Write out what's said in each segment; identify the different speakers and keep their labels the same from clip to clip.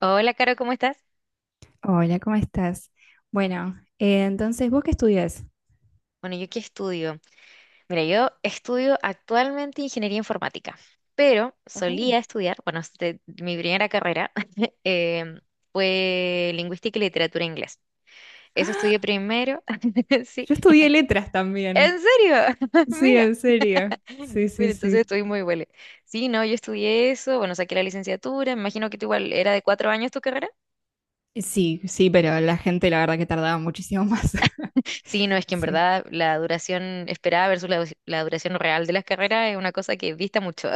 Speaker 1: Hola, Caro, ¿cómo estás?
Speaker 2: Hola, ¿cómo estás? Bueno, entonces, ¿vos qué estudias?
Speaker 1: Bueno, ¿yo qué estudio? Mira, yo estudio actualmente ingeniería informática, pero
Speaker 2: Oh,
Speaker 1: solía estudiar, bueno, este, mi primera carrera em, fue lingüística y literatura inglés. Eso estudié primero, sí.
Speaker 2: yo estudié letras
Speaker 1: ¿En
Speaker 2: también.
Speaker 1: serio?
Speaker 2: Sí,
Speaker 1: Mira,
Speaker 2: en serio. Sí, sí,
Speaker 1: entonces
Speaker 2: sí.
Speaker 1: estoy muy buena. Sí, no, yo estudié eso, bueno, saqué la licenciatura, me imagino que tú igual era de 4 años tu carrera.
Speaker 2: Sí, sí, pero la gente la verdad que tardaba muchísimo más.
Speaker 1: Sí, no, es que en
Speaker 2: Sí.
Speaker 1: verdad la duración esperada versus la duración real de las carreras es una cosa que dista mucho.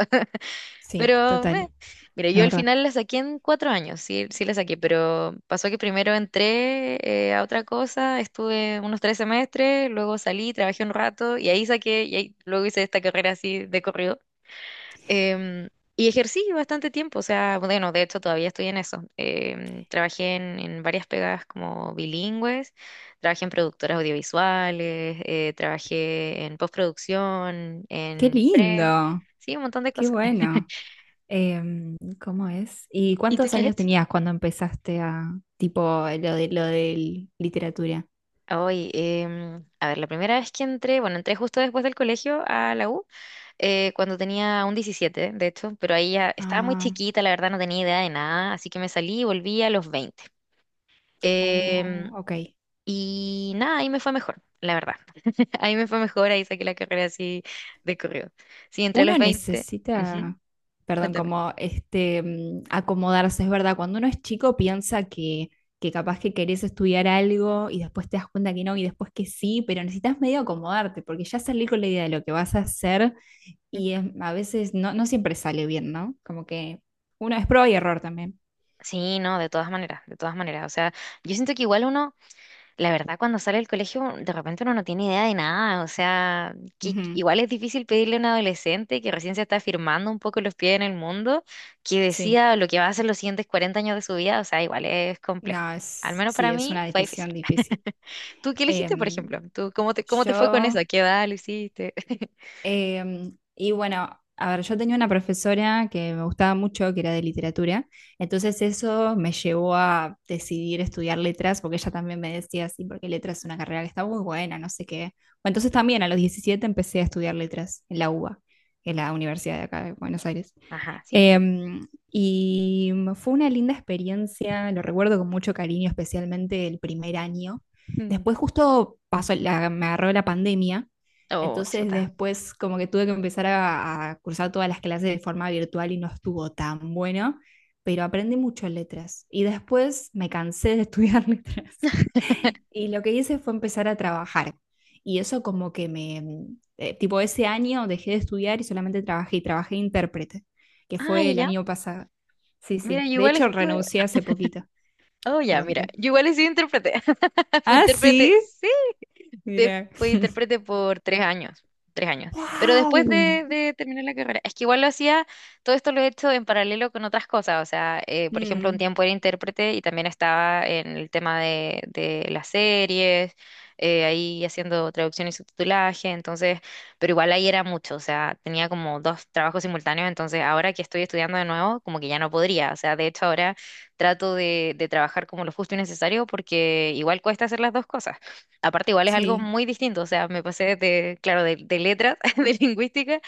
Speaker 2: Sí,
Speaker 1: Pero, meh.
Speaker 2: total,
Speaker 1: Mira, yo
Speaker 2: la
Speaker 1: al
Speaker 2: verdad.
Speaker 1: final la saqué en 4 años, sí, sí la saqué, pero pasó que primero entré a otra cosa, estuve unos 3 semestres, luego salí, trabajé un rato y ahí saqué, y ahí, luego hice esta carrera así de corrido. Em, y ejercí bastante tiempo, o sea, bueno, de hecho todavía estoy en eso. Trabajé en varias pegadas como bilingües, trabajé en productoras audiovisuales, trabajé en postproducción,
Speaker 2: Qué
Speaker 1: en pre,
Speaker 2: lindo,
Speaker 1: sí, un montón de
Speaker 2: qué
Speaker 1: cosas.
Speaker 2: bueno. ¿Cómo es? ¿Y
Speaker 1: ¿Y tú
Speaker 2: cuántos
Speaker 1: qué has
Speaker 2: años
Speaker 1: hecho?
Speaker 2: tenías cuando empezaste a, tipo, lo de literatura?
Speaker 1: Hoy, a ver, la primera vez que entré, bueno, entré justo después del colegio a la U, cuando tenía un 17, de hecho, pero ahí ya estaba muy
Speaker 2: Ah,
Speaker 1: chiquita, la verdad no tenía idea de nada, así que me salí y volví a los 20. Em,
Speaker 2: oh, ok.
Speaker 1: y nada, ahí me fue mejor, la verdad. Ahí me fue mejor, ahí saqué la carrera así de corrido. Sí, entré a
Speaker 2: Uno
Speaker 1: los 20. Ujú.
Speaker 2: necesita, perdón,
Speaker 1: Cuéntame.
Speaker 2: como este, acomodarse, es verdad, cuando uno es chico piensa que capaz que querés estudiar algo y después te das cuenta que no y después que sí, pero necesitas medio acomodarte porque ya salir con la idea de lo que vas a hacer y a veces no, no siempre sale bien, ¿no? Como que uno es prueba y error también.
Speaker 1: Sí, no, de todas maneras, de todas maneras. O sea, yo siento que igual uno. La verdad, cuando sale del colegio, de repente uno no tiene idea de nada. O sea, que-
Speaker 2: Ujú.
Speaker 1: igual es difícil pedirle a un adolescente que recién se está firmando un poco los pies en el mundo, que
Speaker 2: Sí,
Speaker 1: decida lo que va a hacer los siguientes 40 años de su vida. O sea, igual es complejo.
Speaker 2: no,
Speaker 1: Al
Speaker 2: es,
Speaker 1: menos
Speaker 2: sí,
Speaker 1: para
Speaker 2: es
Speaker 1: mí
Speaker 2: una
Speaker 1: fue difícil.
Speaker 2: decisión difícil.
Speaker 1: ¿Tú qué elegiste, por
Speaker 2: Em,
Speaker 1: ejemplo? ¿Tú cómo te fue con eso? ¿A
Speaker 2: yo.
Speaker 1: qué edad lo hiciste?
Speaker 2: Y bueno, a ver, yo tenía una profesora que me gustaba mucho, que era de literatura, entonces eso me llevó a decidir estudiar letras, porque ella también me decía, sí, porque letras es una carrera que está muy buena, no sé qué. Bueno, entonces también a los 17 empecé a estudiar letras en la UBA, en la universidad de acá de Buenos Aires.
Speaker 1: Ajá, ¿sí?
Speaker 2: Y fue una linda experiencia, lo recuerdo con mucho cariño, especialmente el primer año.
Speaker 1: Mm.
Speaker 2: Después justo pasó me agarró la pandemia,
Speaker 1: Oh,
Speaker 2: entonces
Speaker 1: chuta.
Speaker 2: después como que tuve que empezar a cursar todas las clases de forma virtual y no estuvo tan bueno, pero aprendí mucho en letras. Y después me cansé de estudiar letras. Y lo que hice fue empezar a trabajar. Y eso como que me tipo ese año dejé de estudiar y solamente trabajé y trabajé de intérprete que
Speaker 1: Ah, ya,
Speaker 2: fue el
Speaker 1: ya.
Speaker 2: año pasado. Sí,
Speaker 1: Mira,
Speaker 2: sí.
Speaker 1: yo
Speaker 2: De
Speaker 1: igual
Speaker 2: hecho,
Speaker 1: estuve.
Speaker 2: renuncié hace poquito.
Speaker 1: Oh, ya,
Speaker 2: Perdón,
Speaker 1: mira.
Speaker 2: ¿qué?
Speaker 1: Yo igual he sido intérprete. Fui
Speaker 2: Ah,
Speaker 1: intérprete,
Speaker 2: sí.
Speaker 1: sí,
Speaker 2: Mira.
Speaker 1: fui intérprete por 3 años, 3 años. Pero después
Speaker 2: ¡Wow!
Speaker 1: de terminar la carrera, es que igual lo hacía, todo esto lo he hecho en paralelo con otras cosas. O sea, por ejemplo, un
Speaker 2: Mm,
Speaker 1: tiempo era intérprete y también estaba en el tema de las series, ahí haciendo traducción y subtitulaje. Entonces, pero igual ahí era mucho. O sea, tenía como dos trabajos simultáneos. Entonces, ahora que estoy estudiando de nuevo, como que ya no podría. O sea, de hecho, ahora trato de trabajar como lo justo y necesario porque igual cuesta hacer las dos cosas. Aparte, igual es algo
Speaker 2: sí.
Speaker 1: muy distinto, o sea, me pasé de, claro, de letras, de lingüística,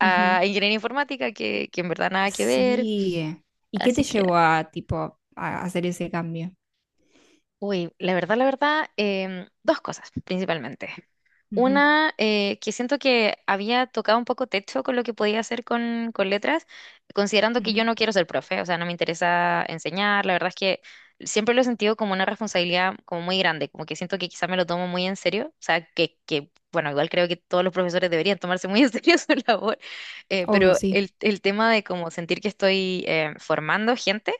Speaker 2: Ujú.
Speaker 1: ingeniería informática, que en verdad nada que ver.
Speaker 2: Sí. ¿Y qué te
Speaker 1: Así que,
Speaker 2: llevó a, tipo, a hacer ese cambio?
Speaker 1: uy, la verdad, dos cosas principalmente.
Speaker 2: Ujú,
Speaker 1: Una, que siento que había tocado un poco techo con lo que podía hacer con letras, considerando que yo
Speaker 2: ujú.
Speaker 1: no quiero ser profe, o sea, no me interesa enseñar, la verdad es que siempre lo he sentido como una responsabilidad como muy grande, como que siento que quizá me lo tomo muy en serio, o sea, que bueno, igual creo que todos los profesores deberían tomarse muy en serio su labor,
Speaker 2: Obvio,
Speaker 1: pero
Speaker 2: sí.
Speaker 1: el tema de como sentir que estoy formando gente,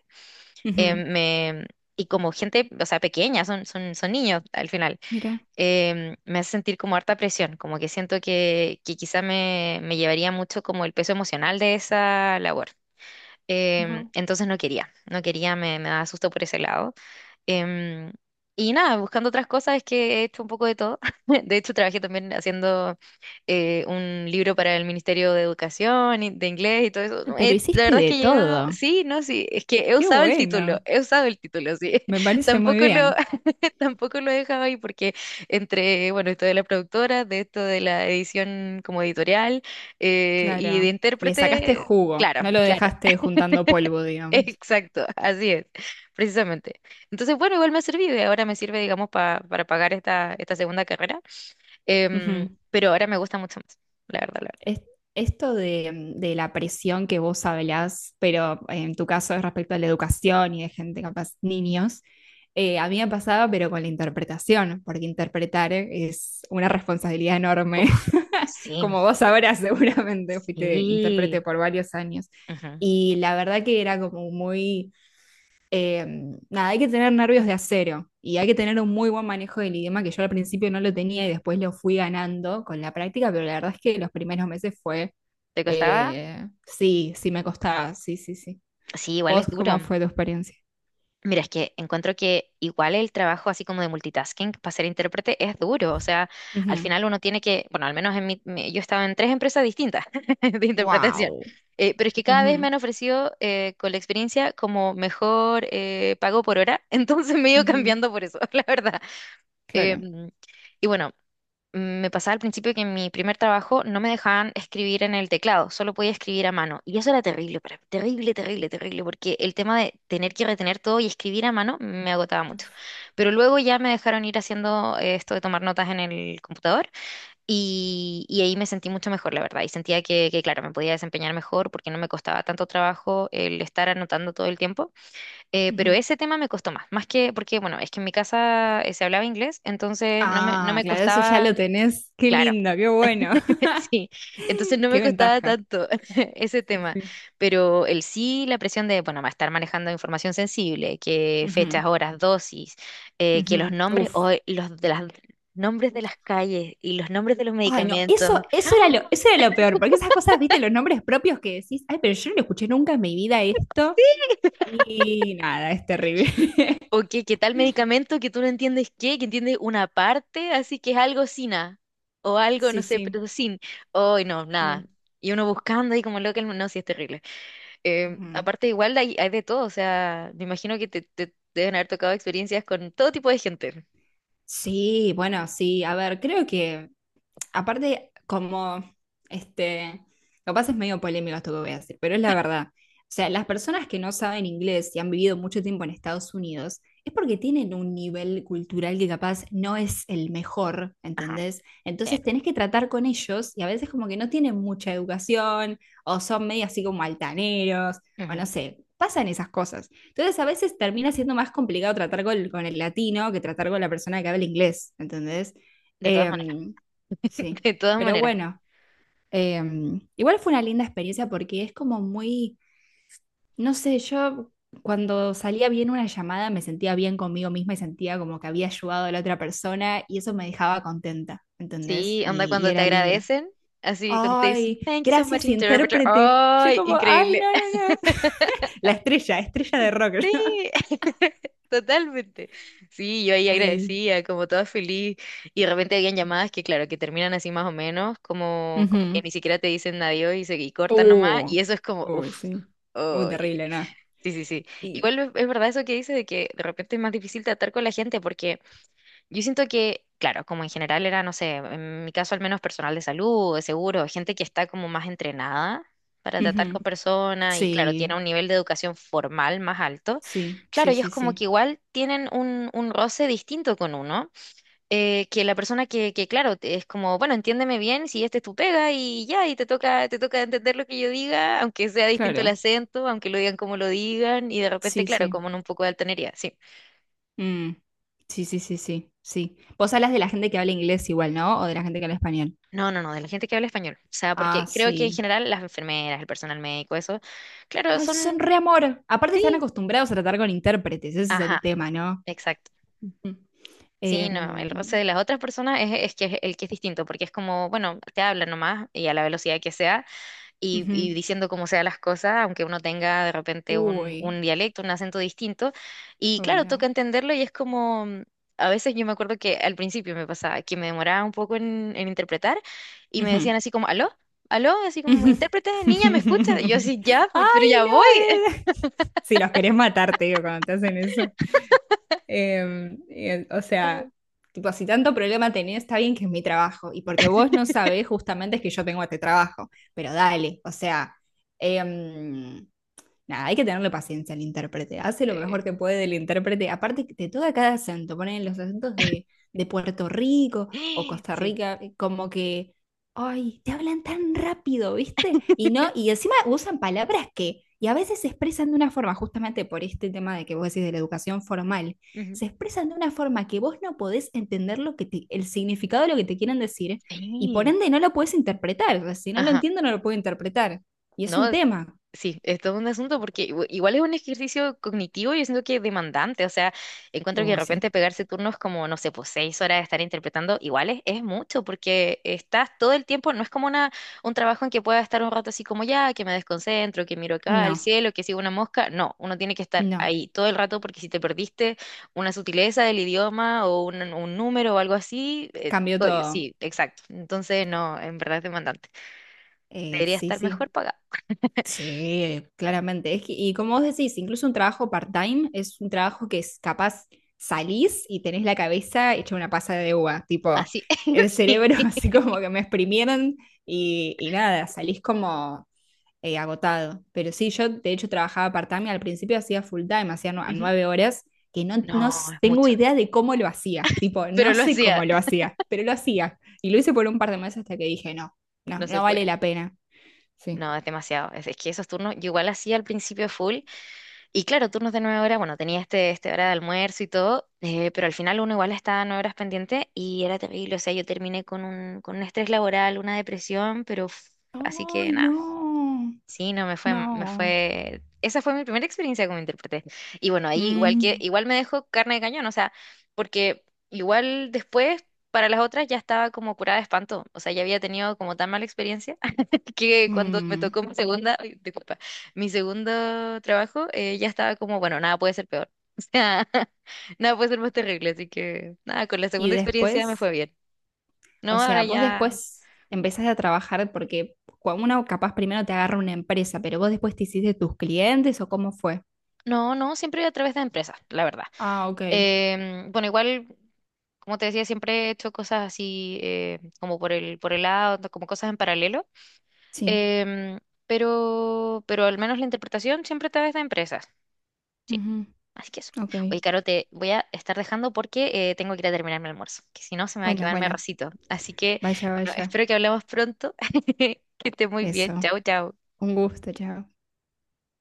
Speaker 2: Ujú.
Speaker 1: me... Y como gente, o sea, pequeña, son niños al final.
Speaker 2: Mira,
Speaker 1: Me hace sentir como harta presión, como que siento que quizá me llevaría mucho como el peso emocional de esa labor.
Speaker 2: wow.
Speaker 1: Entonces no quería, no quería, me daba susto por ese lado. Em, y nada, buscando otras cosas es que he hecho un poco de todo. De hecho, trabajé también haciendo un libro para el Ministerio de Educación y de inglés y todo eso.
Speaker 2: Ah,
Speaker 1: No,
Speaker 2: pero
Speaker 1: la
Speaker 2: hiciste
Speaker 1: verdad es
Speaker 2: de
Speaker 1: que he llegado,
Speaker 2: todo.
Speaker 1: sí, no, sí, es que he
Speaker 2: Qué
Speaker 1: usado el título,
Speaker 2: bueno.
Speaker 1: he usado el título, sí.
Speaker 2: Me parece muy
Speaker 1: Tampoco lo,
Speaker 2: bien.
Speaker 1: tampoco lo he dejado ahí porque entre, bueno, esto de la productora, de esto de la edición como editorial, y de
Speaker 2: Claro. Le sacaste
Speaker 1: intérprete,
Speaker 2: jugo, no
Speaker 1: claro,
Speaker 2: lo
Speaker 1: claro,
Speaker 2: dejaste juntando polvo, digamos.
Speaker 1: exacto, así es, precisamente. Entonces, bueno, igual me ha servido y ahora me sirve, digamos, para pagar esta, segunda carrera, pero ahora me gusta mucho más, la verdad, la verdad.
Speaker 2: Es- Esto de la presión que vos hablás, pero en tu caso es respecto a la educación y de gente capaz, niños, a mí me pasaba, pero con la interpretación, porque interpretar es una responsabilidad enorme,
Speaker 1: Uf, sí,
Speaker 2: como vos sabrás seguramente, fuiste intérprete
Speaker 1: sí.
Speaker 2: por varios años.
Speaker 1: Ujú.
Speaker 2: Y la verdad que era como muy eh, nada, hay que tener nervios de acero y hay que tener un muy buen manejo del idioma que yo al principio no lo tenía y después lo fui ganando con la práctica, pero la verdad es que los primeros meses fue,
Speaker 1: ¿Te costaba?
Speaker 2: sí, sí me costaba, sí, sí, sí.
Speaker 1: Sí, igual es
Speaker 2: ¿Vos
Speaker 1: duro.
Speaker 2: cómo fue tu experiencia?
Speaker 1: Mira, es que encuentro que igual el trabajo así como de multitasking para ser intérprete es duro, o sea, al
Speaker 2: Ujú.
Speaker 1: final uno tiene que, bueno, al menos yo estaba en tres empresas distintas de interpretación,
Speaker 2: Wow.
Speaker 1: pero es que cada vez me
Speaker 2: Ujú,
Speaker 1: han ofrecido, con la experiencia, como mejor, pago por hora, entonces me he ido
Speaker 2: ujú.
Speaker 1: cambiando por eso, la verdad.
Speaker 2: Claro.
Speaker 1: Em, y bueno, me pasaba al principio que en mi primer trabajo no me dejaban escribir en el teclado, solo podía escribir a mano. Y eso era terrible para mí, terrible, terrible, terrible, porque el tema de tener que retener todo y escribir a mano me agotaba mucho. Pero luego ya me dejaron ir haciendo, esto de tomar notas en el computador, y ahí me sentí mucho mejor, la verdad. Y sentía que, claro, me podía desempeñar mejor porque no me costaba tanto trabajo el estar anotando todo el tiempo. Pero
Speaker 2: Ujú.
Speaker 1: ese tema me costó más, más que porque, bueno, es que en mi casa, se hablaba inglés, entonces no me, no
Speaker 2: Ah,
Speaker 1: me
Speaker 2: claro, eso ya
Speaker 1: costaba,
Speaker 2: lo tenés. Qué
Speaker 1: claro.
Speaker 2: lindo, qué bueno.
Speaker 1: Sí, entonces no me
Speaker 2: Qué
Speaker 1: costaba
Speaker 2: ventaja.
Speaker 1: tanto ese
Speaker 2: Sí,
Speaker 1: tema,
Speaker 2: sí.
Speaker 1: pero el sí, la presión de, bueno, va a estar manejando información sensible, que
Speaker 2: Ujú,
Speaker 1: fechas, horas, dosis, que los
Speaker 2: ujú.
Speaker 1: nombres, o
Speaker 2: Uf.
Speaker 1: los de las nombres de las calles y los nombres de los
Speaker 2: Ay, no,
Speaker 1: medicamentos,
Speaker 2: eso era eso era lo peor, porque esas cosas, viste, los nombres propios que decís, ay, pero yo no lo escuché nunca en mi vida esto, y nada, es terrible.
Speaker 1: o que tal medicamento que tú no entiendes qué, que entiendes una parte, así que es algo sina, o algo, no
Speaker 2: Sí,
Speaker 1: sé,
Speaker 2: sí,
Speaker 1: pero sin, hoy no, nada.
Speaker 2: sí.
Speaker 1: Y uno buscando ahí como loco, no, sí, es terrible.
Speaker 2: Ujú.
Speaker 1: Aparte, igual hay, de todo, o sea, me imagino que te deben haber tocado experiencias con todo tipo de gente.
Speaker 2: Sí, bueno, sí, a ver, creo que aparte, como, este, capaz es medio polémico esto que voy a decir, pero es la verdad. O sea, las personas que no saben inglés y han vivido mucho tiempo en Estados Unidos, es porque tienen un nivel cultural que capaz no es el mejor,
Speaker 1: Ajá,
Speaker 2: ¿entendés?
Speaker 1: sí.
Speaker 2: Entonces tenés que tratar con ellos y a veces como que no tienen mucha educación o son medio así como altaneros o
Speaker 1: Ujú.
Speaker 2: no sé, pasan esas cosas. Entonces a veces termina siendo más complicado tratar con el latino que tratar con la persona que habla inglés, ¿entendés?
Speaker 1: De todas maneras,
Speaker 2: Em, Sí,
Speaker 1: de todas
Speaker 2: pero
Speaker 1: maneras.
Speaker 2: bueno, igual fue una linda experiencia porque es como muy, no sé, yo cuando salía bien una llamada me sentía bien conmigo misma y sentía como que había ayudado a la otra persona y eso me dejaba contenta, ¿entendés?
Speaker 1: Sí. ¿Onda
Speaker 2: Y
Speaker 1: cuando te
Speaker 2: era lindo.
Speaker 1: agradecen, así cuando te dicen,
Speaker 2: Ay,
Speaker 1: thank you so much,
Speaker 2: gracias,
Speaker 1: interpreter?
Speaker 2: intérprete. Yo
Speaker 1: ¡Ay,
Speaker 2: como, ay,
Speaker 1: increíble!
Speaker 2: no, no, no. Estrella de rock.
Speaker 1: Sí, totalmente. Sí, yo ahí
Speaker 2: Ay.
Speaker 1: agradecía, como toda feliz. Y de repente habían llamadas que, claro, que terminan así más o menos, como, como que
Speaker 2: Ujú.
Speaker 1: ni siquiera te dicen adiós y, se, y cortan nomás.
Speaker 2: Uh,
Speaker 1: Y eso es como, uff.
Speaker 2: Uy, sí. Uh, terrible, ¿no?
Speaker 1: Sí, sí, sí.
Speaker 2: Y,
Speaker 1: Igual es verdad eso que dice de que de repente es más difícil tratar con la gente porque yo siento que, claro, como en general era, no sé, en mi caso al menos personal de salud, de seguro, gente que está como más entrenada para tratar
Speaker 2: ujú.
Speaker 1: con personas y, claro, tiene
Speaker 2: Sí,
Speaker 1: un nivel de educación formal más alto.
Speaker 2: sí,
Speaker 1: Claro,
Speaker 2: sí,
Speaker 1: ellos
Speaker 2: sí,
Speaker 1: como que
Speaker 2: sí.
Speaker 1: igual tienen un roce distinto con uno, que la persona que, claro, es como, bueno, entiéndeme bien, si este es tu pega y ya, y te toca entender lo que yo diga, aunque sea distinto el
Speaker 2: Claro,
Speaker 1: acento, aunque lo digan como lo digan, y de repente,
Speaker 2: sí,
Speaker 1: claro,
Speaker 2: sí.
Speaker 1: como en un poco de altanería, sí.
Speaker 2: Mm. Sí, sí, sí, sí, sí. Vos hablas de la gente que habla inglés igual, ¿no? O de la gente que habla español.
Speaker 1: No, no, no, de la gente que habla español. O sea,
Speaker 2: Ah,
Speaker 1: porque creo que en
Speaker 2: sí.
Speaker 1: general las enfermeras, el personal médico, eso, claro,
Speaker 2: Ay, son
Speaker 1: son,
Speaker 2: re amor. Aparte están
Speaker 1: sí,
Speaker 2: acostumbrados a tratar con intérpretes, ese es el
Speaker 1: ajá,
Speaker 2: tema, ¿no?
Speaker 1: exacto.
Speaker 2: Ujú.
Speaker 1: Sí, no, el roce
Speaker 2: Em,
Speaker 1: de las otras personas es que es el que es distinto, porque es como, bueno, te hablan nomás y a la velocidad que sea y,
Speaker 2: ujú.
Speaker 1: y diciendo cómo sea las cosas, aunque uno tenga de repente un,
Speaker 2: Uy,
Speaker 1: un dialecto, un acento distinto. Y
Speaker 2: uy,
Speaker 1: claro,
Speaker 2: no.
Speaker 1: toca entenderlo y es como, a veces yo me acuerdo que al principio me pasaba que me demoraba un poco en interpretar y me
Speaker 2: Ujú,
Speaker 1: decían así como, ¿aló? ¿Aló? Así como,
Speaker 2: ujú.
Speaker 1: intérprete, niña, ¿me escuchas? Y yo así, ya, pues, pero
Speaker 2: Ay,
Speaker 1: ya voy.
Speaker 2: no. Si los querés matar, te digo, cuando te hacen eso. Y o sea, tipo, si tanto problema tenés, está bien que es mi trabajo. Y porque vos no sabés justamente es que yo tengo este trabajo. Pero dale, o sea, em, nada, hay que tenerle paciencia al intérprete. Hace lo mejor que puede el intérprete. Aparte, que te toca cada acento. Ponen los acentos de Puerto Rico o
Speaker 1: Sí.
Speaker 2: Costa
Speaker 1: Sí.
Speaker 2: Rica, como que, ay, te hablan tan rápido, ¿viste? Y no, y encima usan palabras que, y a veces se expresan de una forma, justamente por este tema de que vos decís de la educación formal,
Speaker 1: Ujú,
Speaker 2: se expresan de una forma que vos no podés entender lo que el significado de lo que te quieren decir, y por
Speaker 1: sí.
Speaker 2: ende no lo podés interpretar. O sea, si no lo
Speaker 1: Ajá.
Speaker 2: entiendo, no lo puedo interpretar. Y es
Speaker 1: No.
Speaker 2: un tema.
Speaker 1: Sí, es todo un asunto porque igual es un ejercicio cognitivo y yo siento que es demandante, o sea, encuentro que de
Speaker 2: Uy, sí.
Speaker 1: repente pegarse turnos como, no sé, pues 6 horas de estar interpretando, igual es mucho porque estás todo el tiempo, no es como una, un trabajo en que pueda estar un rato así como ya, que me desconcentro, que miro acá al
Speaker 2: No,
Speaker 1: cielo, que sigo una mosca, no, uno tiene que estar
Speaker 2: no,
Speaker 1: ahí todo el rato porque si te perdiste una sutileza del idioma o un número o algo así,
Speaker 2: cambió todo.
Speaker 1: sí, exacto, entonces no, en verdad es demandante, debería
Speaker 2: Sí,
Speaker 1: estar mejor
Speaker 2: sí,
Speaker 1: pagado.
Speaker 2: sí, claramente. Y como vos decís, incluso un trabajo part-time es un trabajo que es capaz salís y tenés la cabeza hecha una pasa de uva, tipo
Speaker 1: Así,
Speaker 2: el cerebro
Speaker 1: sí.
Speaker 2: así como que me exprimieron y nada, salís como agotado. Pero sí, yo de hecho trabajaba part-time, y al principio hacía full-time, hacía nu- a
Speaker 1: Ujú.
Speaker 2: 9 horas, que no,
Speaker 1: No, es
Speaker 2: tengo
Speaker 1: mucho.
Speaker 2: idea de cómo lo hacía. Tipo,
Speaker 1: Pero
Speaker 2: no
Speaker 1: lo
Speaker 2: sé
Speaker 1: hacía.
Speaker 2: cómo lo hacía, pero lo hacía. Y lo hice por un par de meses hasta que dije, no, no,
Speaker 1: No se
Speaker 2: no vale
Speaker 1: puede.
Speaker 2: la pena. Sí.
Speaker 1: No, es demasiado. Es que esos turnos, yo igual hacía al principio full. Y claro, turnos de 9 horas, bueno, tenía este, hora de almuerzo y todo, pero al final uno igual estaba 9 horas pendiente y era terrible. O sea, yo terminé con con un estrés laboral, una depresión, pero así que
Speaker 2: ¡Ay,
Speaker 1: nada.
Speaker 2: no!
Speaker 1: Sí, no, me
Speaker 2: No.
Speaker 1: fue, esa fue mi primera experiencia como intérprete. Y bueno, ahí igual que,
Speaker 2: Mm,
Speaker 1: igual me dejó carne de cañón, o sea, porque igual después para las otras ya estaba como curada de espanto, o sea, ya había tenido como tan mala experiencia que cuando me
Speaker 2: mm.
Speaker 1: tocó mi segunda, ay, disculpa, mi segundo trabajo, ya estaba como, bueno, nada puede ser peor, o sea, nada puede ser más terrible, así que nada, con la
Speaker 2: Y
Speaker 1: segunda experiencia me fue
Speaker 2: después,
Speaker 1: bien.
Speaker 2: o
Speaker 1: No, ahora
Speaker 2: sea, vos
Speaker 1: ya,
Speaker 2: después empezaste a trabajar porque uno capaz primero te agarra una empresa, pero vos después te hiciste tus clientes o cómo fue.
Speaker 1: no, no, siempre a través de empresas, la verdad.
Speaker 2: Ah, ok.
Speaker 1: Bueno, igual, como te decía, siempre he hecho cosas así, como por el, lado, como cosas en paralelo.
Speaker 2: Sí.
Speaker 1: Em, pero al menos la interpretación siempre está de empresas. Sí,
Speaker 2: Ujú.
Speaker 1: así que eso.
Speaker 2: Ok.
Speaker 1: Oye, Caro, te voy a estar dejando porque, tengo que ir a terminar mi almuerzo, que si no se me va a
Speaker 2: Bueno,
Speaker 1: quemar mi
Speaker 2: bueno,
Speaker 1: arrocito. Así que,
Speaker 2: vaya,
Speaker 1: bueno,
Speaker 2: vaya.
Speaker 1: espero que hablemos pronto. Que esté muy bien.
Speaker 2: Eso.
Speaker 1: Chao, chao.
Speaker 2: Un gusto, chao.